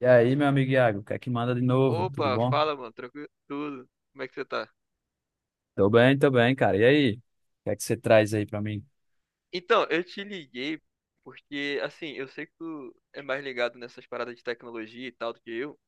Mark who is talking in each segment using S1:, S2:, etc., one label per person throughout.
S1: E aí, meu amigo Iago, o que é que manda de novo? Tudo
S2: Opa,
S1: bom?
S2: fala, mano, tranquilo, tudo. Como é que você tá?
S1: Tô bem, cara. E aí? O que é que você traz aí pra mim?
S2: Então, eu te liguei porque, assim, eu sei que tu é mais ligado nessas paradas de tecnologia e tal do que eu,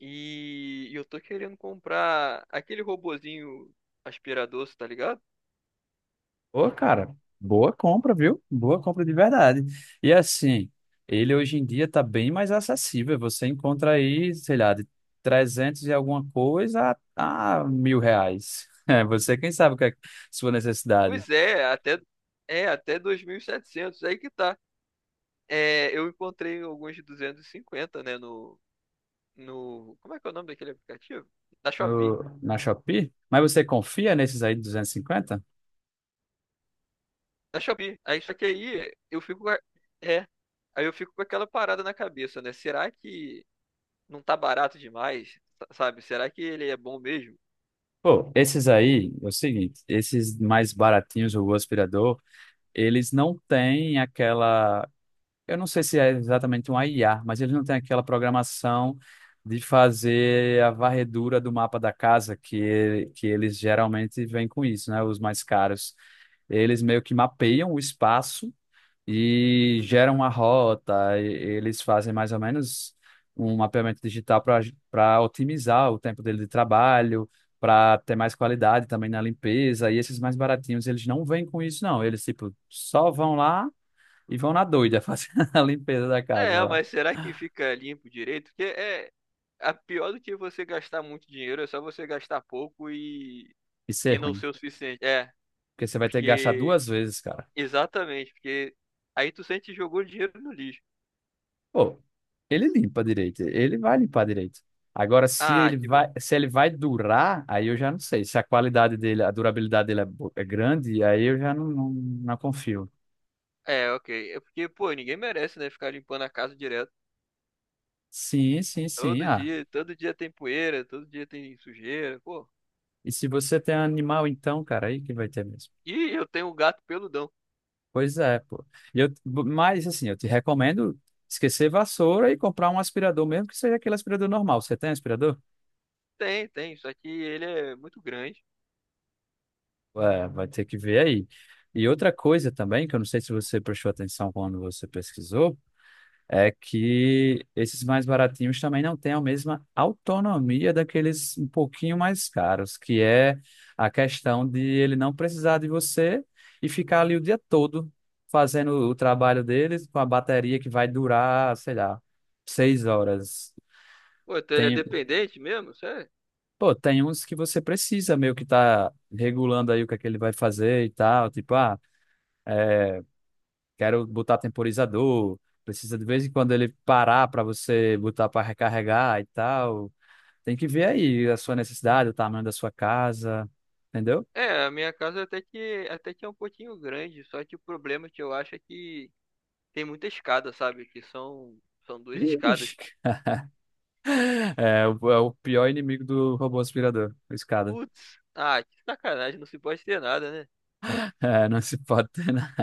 S2: eu tô querendo comprar aquele robozinho aspirador, cê tá ligado?
S1: Ô, cara, boa compra, viu? Boa compra de verdade. E assim, ele hoje em dia tá bem mais acessível. Você encontra aí, sei lá, de 300 e alguma coisa a mil reais. É, você quem sabe o que é sua necessidade
S2: Pois é até 2.700, aí que tá. É, eu encontrei alguns de 250, né, no, como é que é o nome daquele aplicativo? Na Shopee.
S1: no, na Shopee? Mas você confia nesses aí de 250?
S2: Aí só que aí eu fico. É. Aí eu fico com aquela parada na cabeça, né? Será que não tá barato demais? Sabe? Será que ele é bom mesmo?
S1: Pô, esses aí, é o seguinte, esses mais baratinhos, o aspirador. Eles não têm aquela. Eu não sei se é exatamente um IA, mas eles não têm aquela programação de fazer a varredura do mapa da casa, que eles geralmente vêm com isso, né? Os mais caros. Eles meio que mapeiam o espaço e geram uma rota, e eles fazem mais ou menos um mapeamento digital para otimizar o tempo dele de trabalho, para ter mais qualidade também na limpeza, e esses mais baratinhos, eles não vêm com isso, não. Eles, tipo, só vão lá e vão na doida fazer a limpeza da casa
S2: É,
S1: lá.
S2: mas será que fica limpo direito? Porque é. A pior do que você gastar muito dinheiro é só você gastar pouco e,
S1: Isso é
S2: e não
S1: ruim,
S2: ser o suficiente. É,
S1: porque você vai ter que gastar
S2: porque.
S1: duas vezes, cara.
S2: Exatamente, porque aí tu sente que jogou dinheiro no lixo.
S1: Pô, ele limpa direito, ele vai limpar direito. Agora, se
S2: Ah,
S1: ele
S2: que bom.
S1: vai, se ele vai durar, aí eu já não sei. Se a qualidade dele, a durabilidade dele é, é grande, aí eu já não, não, não confio.
S2: É, ok. É porque, pô, ninguém merece, né? Ficar limpando a casa direto.
S1: Sim, sim, sim. Ah,
S2: Todo dia tem poeira, todo dia tem sujeira, pô.
S1: e se você tem animal, então, cara, aí que vai ter mesmo.
S2: E eu tenho um gato peludão.
S1: Pois é, pô. E eu, mas, assim, eu te recomendo esquecer vassoura e comprar um aspirador, mesmo que seja aquele aspirador normal. Você tem aspirador?
S2: Tem, tem, só que ele é muito grande.
S1: É, vai ter que ver aí. E outra coisa também, que eu não sei se você prestou atenção quando você pesquisou. É que esses mais baratinhos também não têm a mesma autonomia daqueles um pouquinho mais caros, que é a questão de ele não precisar de você e ficar ali o dia todo fazendo o trabalho deles com a bateria que vai durar, sei lá, 6 horas.
S2: Pô, então ele é
S1: Tem,
S2: dependente mesmo, sério?
S1: pô, tem uns que você precisa meio que tá regulando aí o que é que ele vai fazer e tal, tipo, ah, é, quero botar temporizador, precisa de vez em quando ele parar para você botar para recarregar e tal. Tem que ver aí a sua necessidade, o tamanho da sua casa, entendeu?
S2: É, a minha casa até que é um pouquinho grande, só que o problema que eu acho é que tem muita escada, sabe? Que são duas escadas.
S1: Vixe. É, é o pior inimigo do robô aspirador, a escada.
S2: Putz, ah, que sacanagem, não se pode ter nada, né?
S1: É, não se pode ter, né?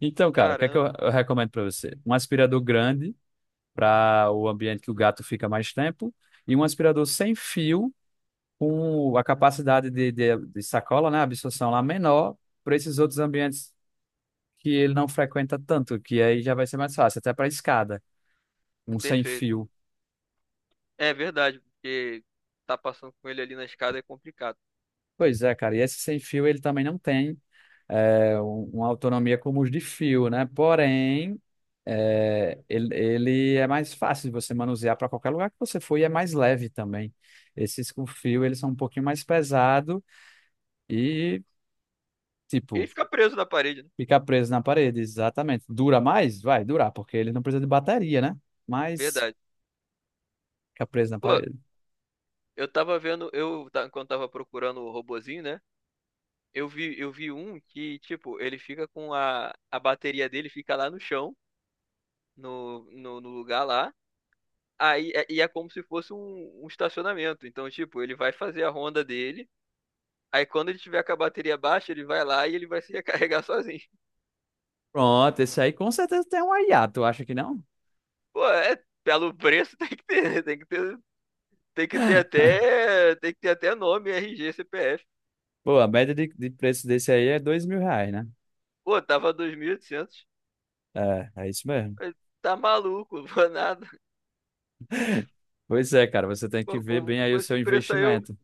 S1: Então, cara, o que é que eu,
S2: Caramba,
S1: eu recomendo para você? Um aspirador grande para o ambiente que o gato fica mais tempo e um aspirador sem fio com a capacidade de sacola, né, absorção lá menor para esses outros ambientes que ele não frequenta tanto, que aí já vai ser mais fácil, até para escada, um sem
S2: perfeito.
S1: fio.
S2: É verdade, porque tá passando com ele ali na escada é complicado.
S1: Pois é, cara, e esse sem fio ele também não tem é, uma autonomia como os de fio, né? Porém, é, ele é mais fácil de você manusear para qualquer lugar que você for e é mais leve também. Esses com fio, eles são um pouquinho mais pesado e,
S2: Ele
S1: tipo,
S2: fica preso na parede, né?
S1: fica preso na parede, exatamente. Dura mais? Vai durar, porque ele não precisa de bateria, né? Mas
S2: Verdade.
S1: fica preso na
S2: Pô,
S1: parede.
S2: eu tava vendo, quando tava procurando o robozinho, né? Eu vi um que, tipo, ele fica com a bateria dele fica lá no chão, no lugar lá. Aí e é como se fosse um estacionamento. Então, tipo, ele vai fazer a ronda dele. Aí quando ele tiver com a bateria baixa, ele vai lá e ele vai se recarregar sozinho.
S1: Pronto, esse aí com certeza tem um hiato, acha que não?
S2: Pô, é, pelo preço tem que ter, né? Tem que ter, tem que ter até, tem que ter até nome, RG, CPF.
S1: Pô, a média de preço desse aí é 2.000 reais, né?
S2: Pô, tava 2.800.
S1: É, é isso mesmo.
S2: Tá maluco, vou nada.
S1: Pois é, cara, você tem que
S2: Pô,
S1: ver bem aí o seu investimento.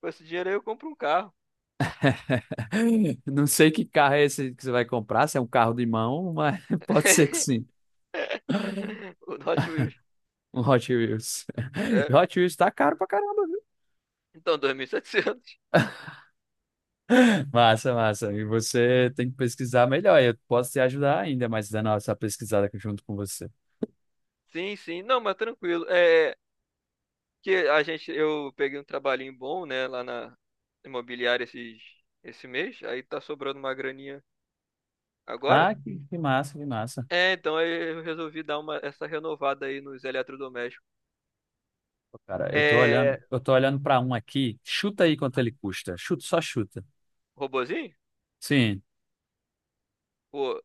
S2: com esse dinheiro aí, eu compro um carro.
S1: Não sei que carro é esse que você vai comprar, se é um carro de mão, mas pode ser que sim.
S2: O Hot Wheels.
S1: Um Hot Wheels.
S2: É.
S1: Hot Wheels tá caro pra caramba, viu?
S2: Então, 2.700.
S1: Massa, massa. E você tem que pesquisar melhor. Eu posso te ajudar ainda, mas dando essa pesquisada aqui junto com você.
S2: Sim, sim. Não, mas tranquilo. É que eu peguei um trabalhinho bom, né, lá na imobiliária esse mês. Aí tá sobrando uma graninha agora.
S1: Ah, que massa, que massa.
S2: É, então aí eu resolvi dar essa renovada aí nos eletrodomésticos.
S1: Cara, eu tô olhando,
S2: É,
S1: eu tô olhando para um aqui. Chuta aí quanto ele custa. Chuta, só chuta.
S2: robozinho?
S1: Sim.
S2: Pô,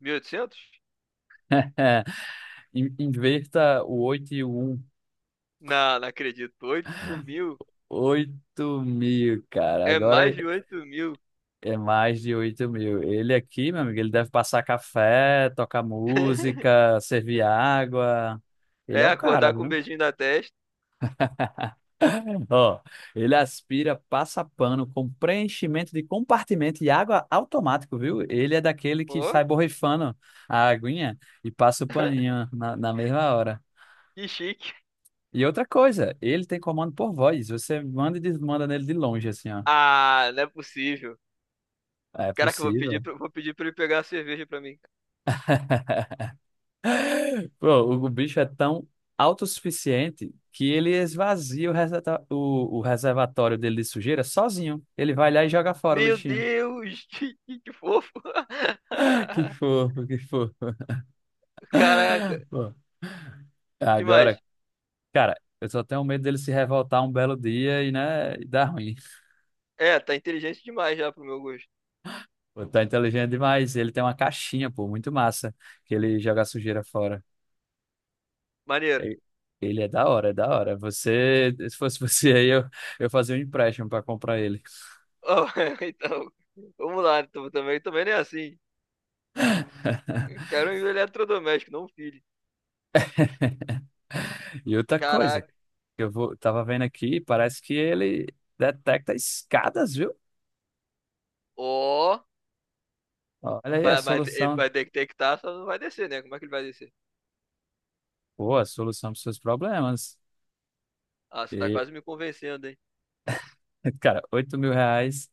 S2: 1.800?
S1: Inverta o 8 e o 1.
S2: Não, não acredito. 8.000.
S1: 8 mil, cara.
S2: É
S1: Agora
S2: mais
S1: é
S2: de 8.000.
S1: é mais de 8 mil. Ele aqui, meu amigo, ele deve passar café, tocar música, servir água. Ele
S2: É,
S1: é o cara,
S2: acordar com um
S1: viu?
S2: beijinho na testa.
S1: Ó, ele aspira, passa pano com preenchimento de compartimento e água automático, viu? Ele é daquele que
S2: Pô,
S1: sai borrifando a aguinha e passa o paninho na, na mesma hora.
S2: que chique.
S1: E outra coisa, ele tem comando por voz. Você manda e desmanda nele de longe, assim, ó.
S2: Ah, não é possível.
S1: É
S2: Caraca, eu vou pedir,
S1: possível.
S2: pra- vou pedir pra ele pegar a cerveja pra mim.
S1: Pô, o bicho é tão autossuficiente que ele esvazia o reservatório dele de sujeira sozinho. Ele vai lá e joga fora o
S2: Meu
S1: lixinho.
S2: Deus, que fofo.
S1: Que fofo, que fofo.
S2: Caraca, que mais?
S1: Agora, cara, eu só tenho medo dele se revoltar um belo dia e, né, e dar ruim.
S2: É, tá inteligente demais já pro meu gosto.
S1: Pô, tá inteligente demais. Ele tem uma caixinha, pô, muito massa, que ele joga a sujeira fora.
S2: Maneiro.
S1: E- Ele é da hora, é da hora. Você, se fosse você aí, eu fazia um empréstimo pra comprar ele.
S2: Ó, então, vamos lá. Também, também não é assim. Quero um eletrodoméstico, não um filho.
S1: E outra coisa,
S2: Caraca.
S1: que eu vou, tava vendo aqui, parece que ele detecta escadas, viu?
S2: Ó,
S1: Olha aí a
S2: mas, mas,
S1: solução.
S2: mas tem que estar, só não vai descer, né? Como é que ele vai descer?
S1: Pô, a solução para os seus problemas.
S2: Ah, você tá
S1: E,
S2: quase me convencendo, hein?
S1: cara, 8 mil reais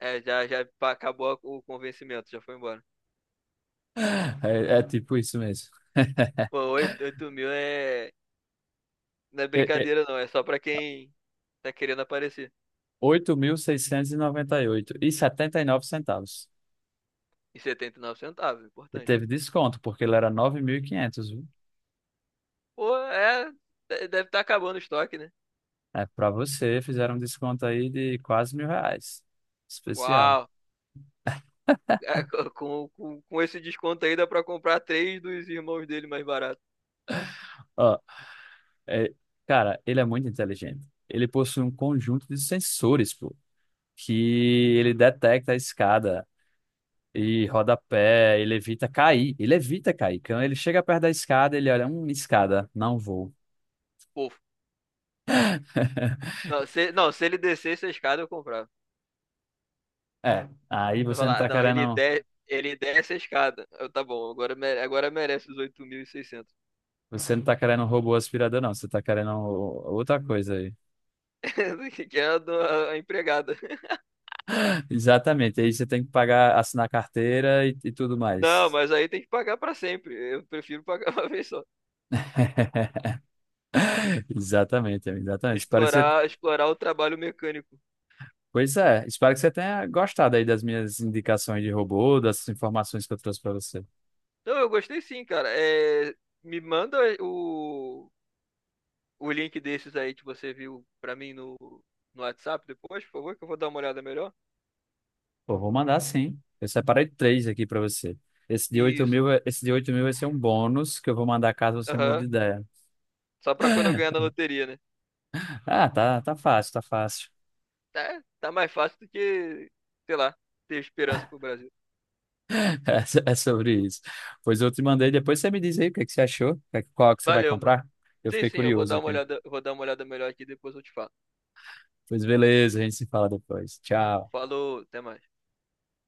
S2: É, já acabou o convencimento, já foi embora.
S1: é tipo isso mesmo.
S2: Pô, 8, 8 mil é. Não é
S1: É, é,
S2: brincadeira, não. É só pra quem tá querendo aparecer.
S1: oito mil seiscentos e noventa e oito setenta e nove centavos.
S2: E 79 centavos,
S1: E
S2: importante.
S1: teve desconto, porque ele era 9.500, viu?
S2: Pô, é. Deve estar acabando o estoque, né?
S1: É, para você, fizeram um desconto aí de quase mil reais. Especial.
S2: Uau! É, com esse desconto aí dá pra comprar três dos irmãos dele mais barato.
S1: Ó, é, cara, ele é muito inteligente. Ele possui um conjunto de sensores, pô, que ele detecta a escada e rodapé, ele evita cair. Ele evita cair. Quando ele chega perto da escada, ele olha, escada, não vou.
S2: Pô, não, se ele descesse a escada, eu comprava.
S1: É, aí
S2: Eu
S1: você não
S2: falar,
S1: tá
S2: não, ele,
S1: querendo.
S2: de, ele desce a escada. Tá bom, agora merece os 8.600.
S1: Você não tá querendo um robô aspirador, não. Você tá querendo outra coisa aí.
S2: Que é a, do- a empregada.
S1: Exatamente. Aí você tem que pagar, assinar carteira e tudo
S2: Não,
S1: mais.
S2: mas aí tem que pagar pra sempre. Eu prefiro pagar uma vez só.
S1: Exatamente, amigo, exatamente. Espero que você.
S2: Explorar o trabalho mecânico.
S1: Pois é, espero que você tenha gostado aí das minhas indicações de robô, dessas informações que eu trouxe para você.
S2: Não, eu gostei sim, cara. É, me manda o link desses aí que você viu pra mim no WhatsApp depois, por favor, que eu vou dar uma olhada melhor.
S1: Pô, vou mandar sim. Eu separei três aqui para você. Esse de 8
S2: Isso.
S1: mil, esse de 8 mil vai ser um bônus que eu vou mandar caso você mude
S2: Aham.
S1: de ideia.
S2: Só pra quando eu ganhar na loteria, né?
S1: Ah, tá, tá fácil, tá fácil.
S2: Tá mais fácil do que, sei lá, ter esperança pro Brasil.
S1: É, é sobre isso. Pois eu te mandei, depois você me diz aí o que é que você achou, qual que você vai
S2: Valeu, mano.
S1: comprar. Eu
S2: Sim,
S1: fiquei
S2: sim,
S1: curioso aqui.
S2: eu vou dar uma olhada melhor aqui e depois eu te falo.
S1: Pois beleza, a gente se fala depois. Tchau.
S2: Falou, até mais.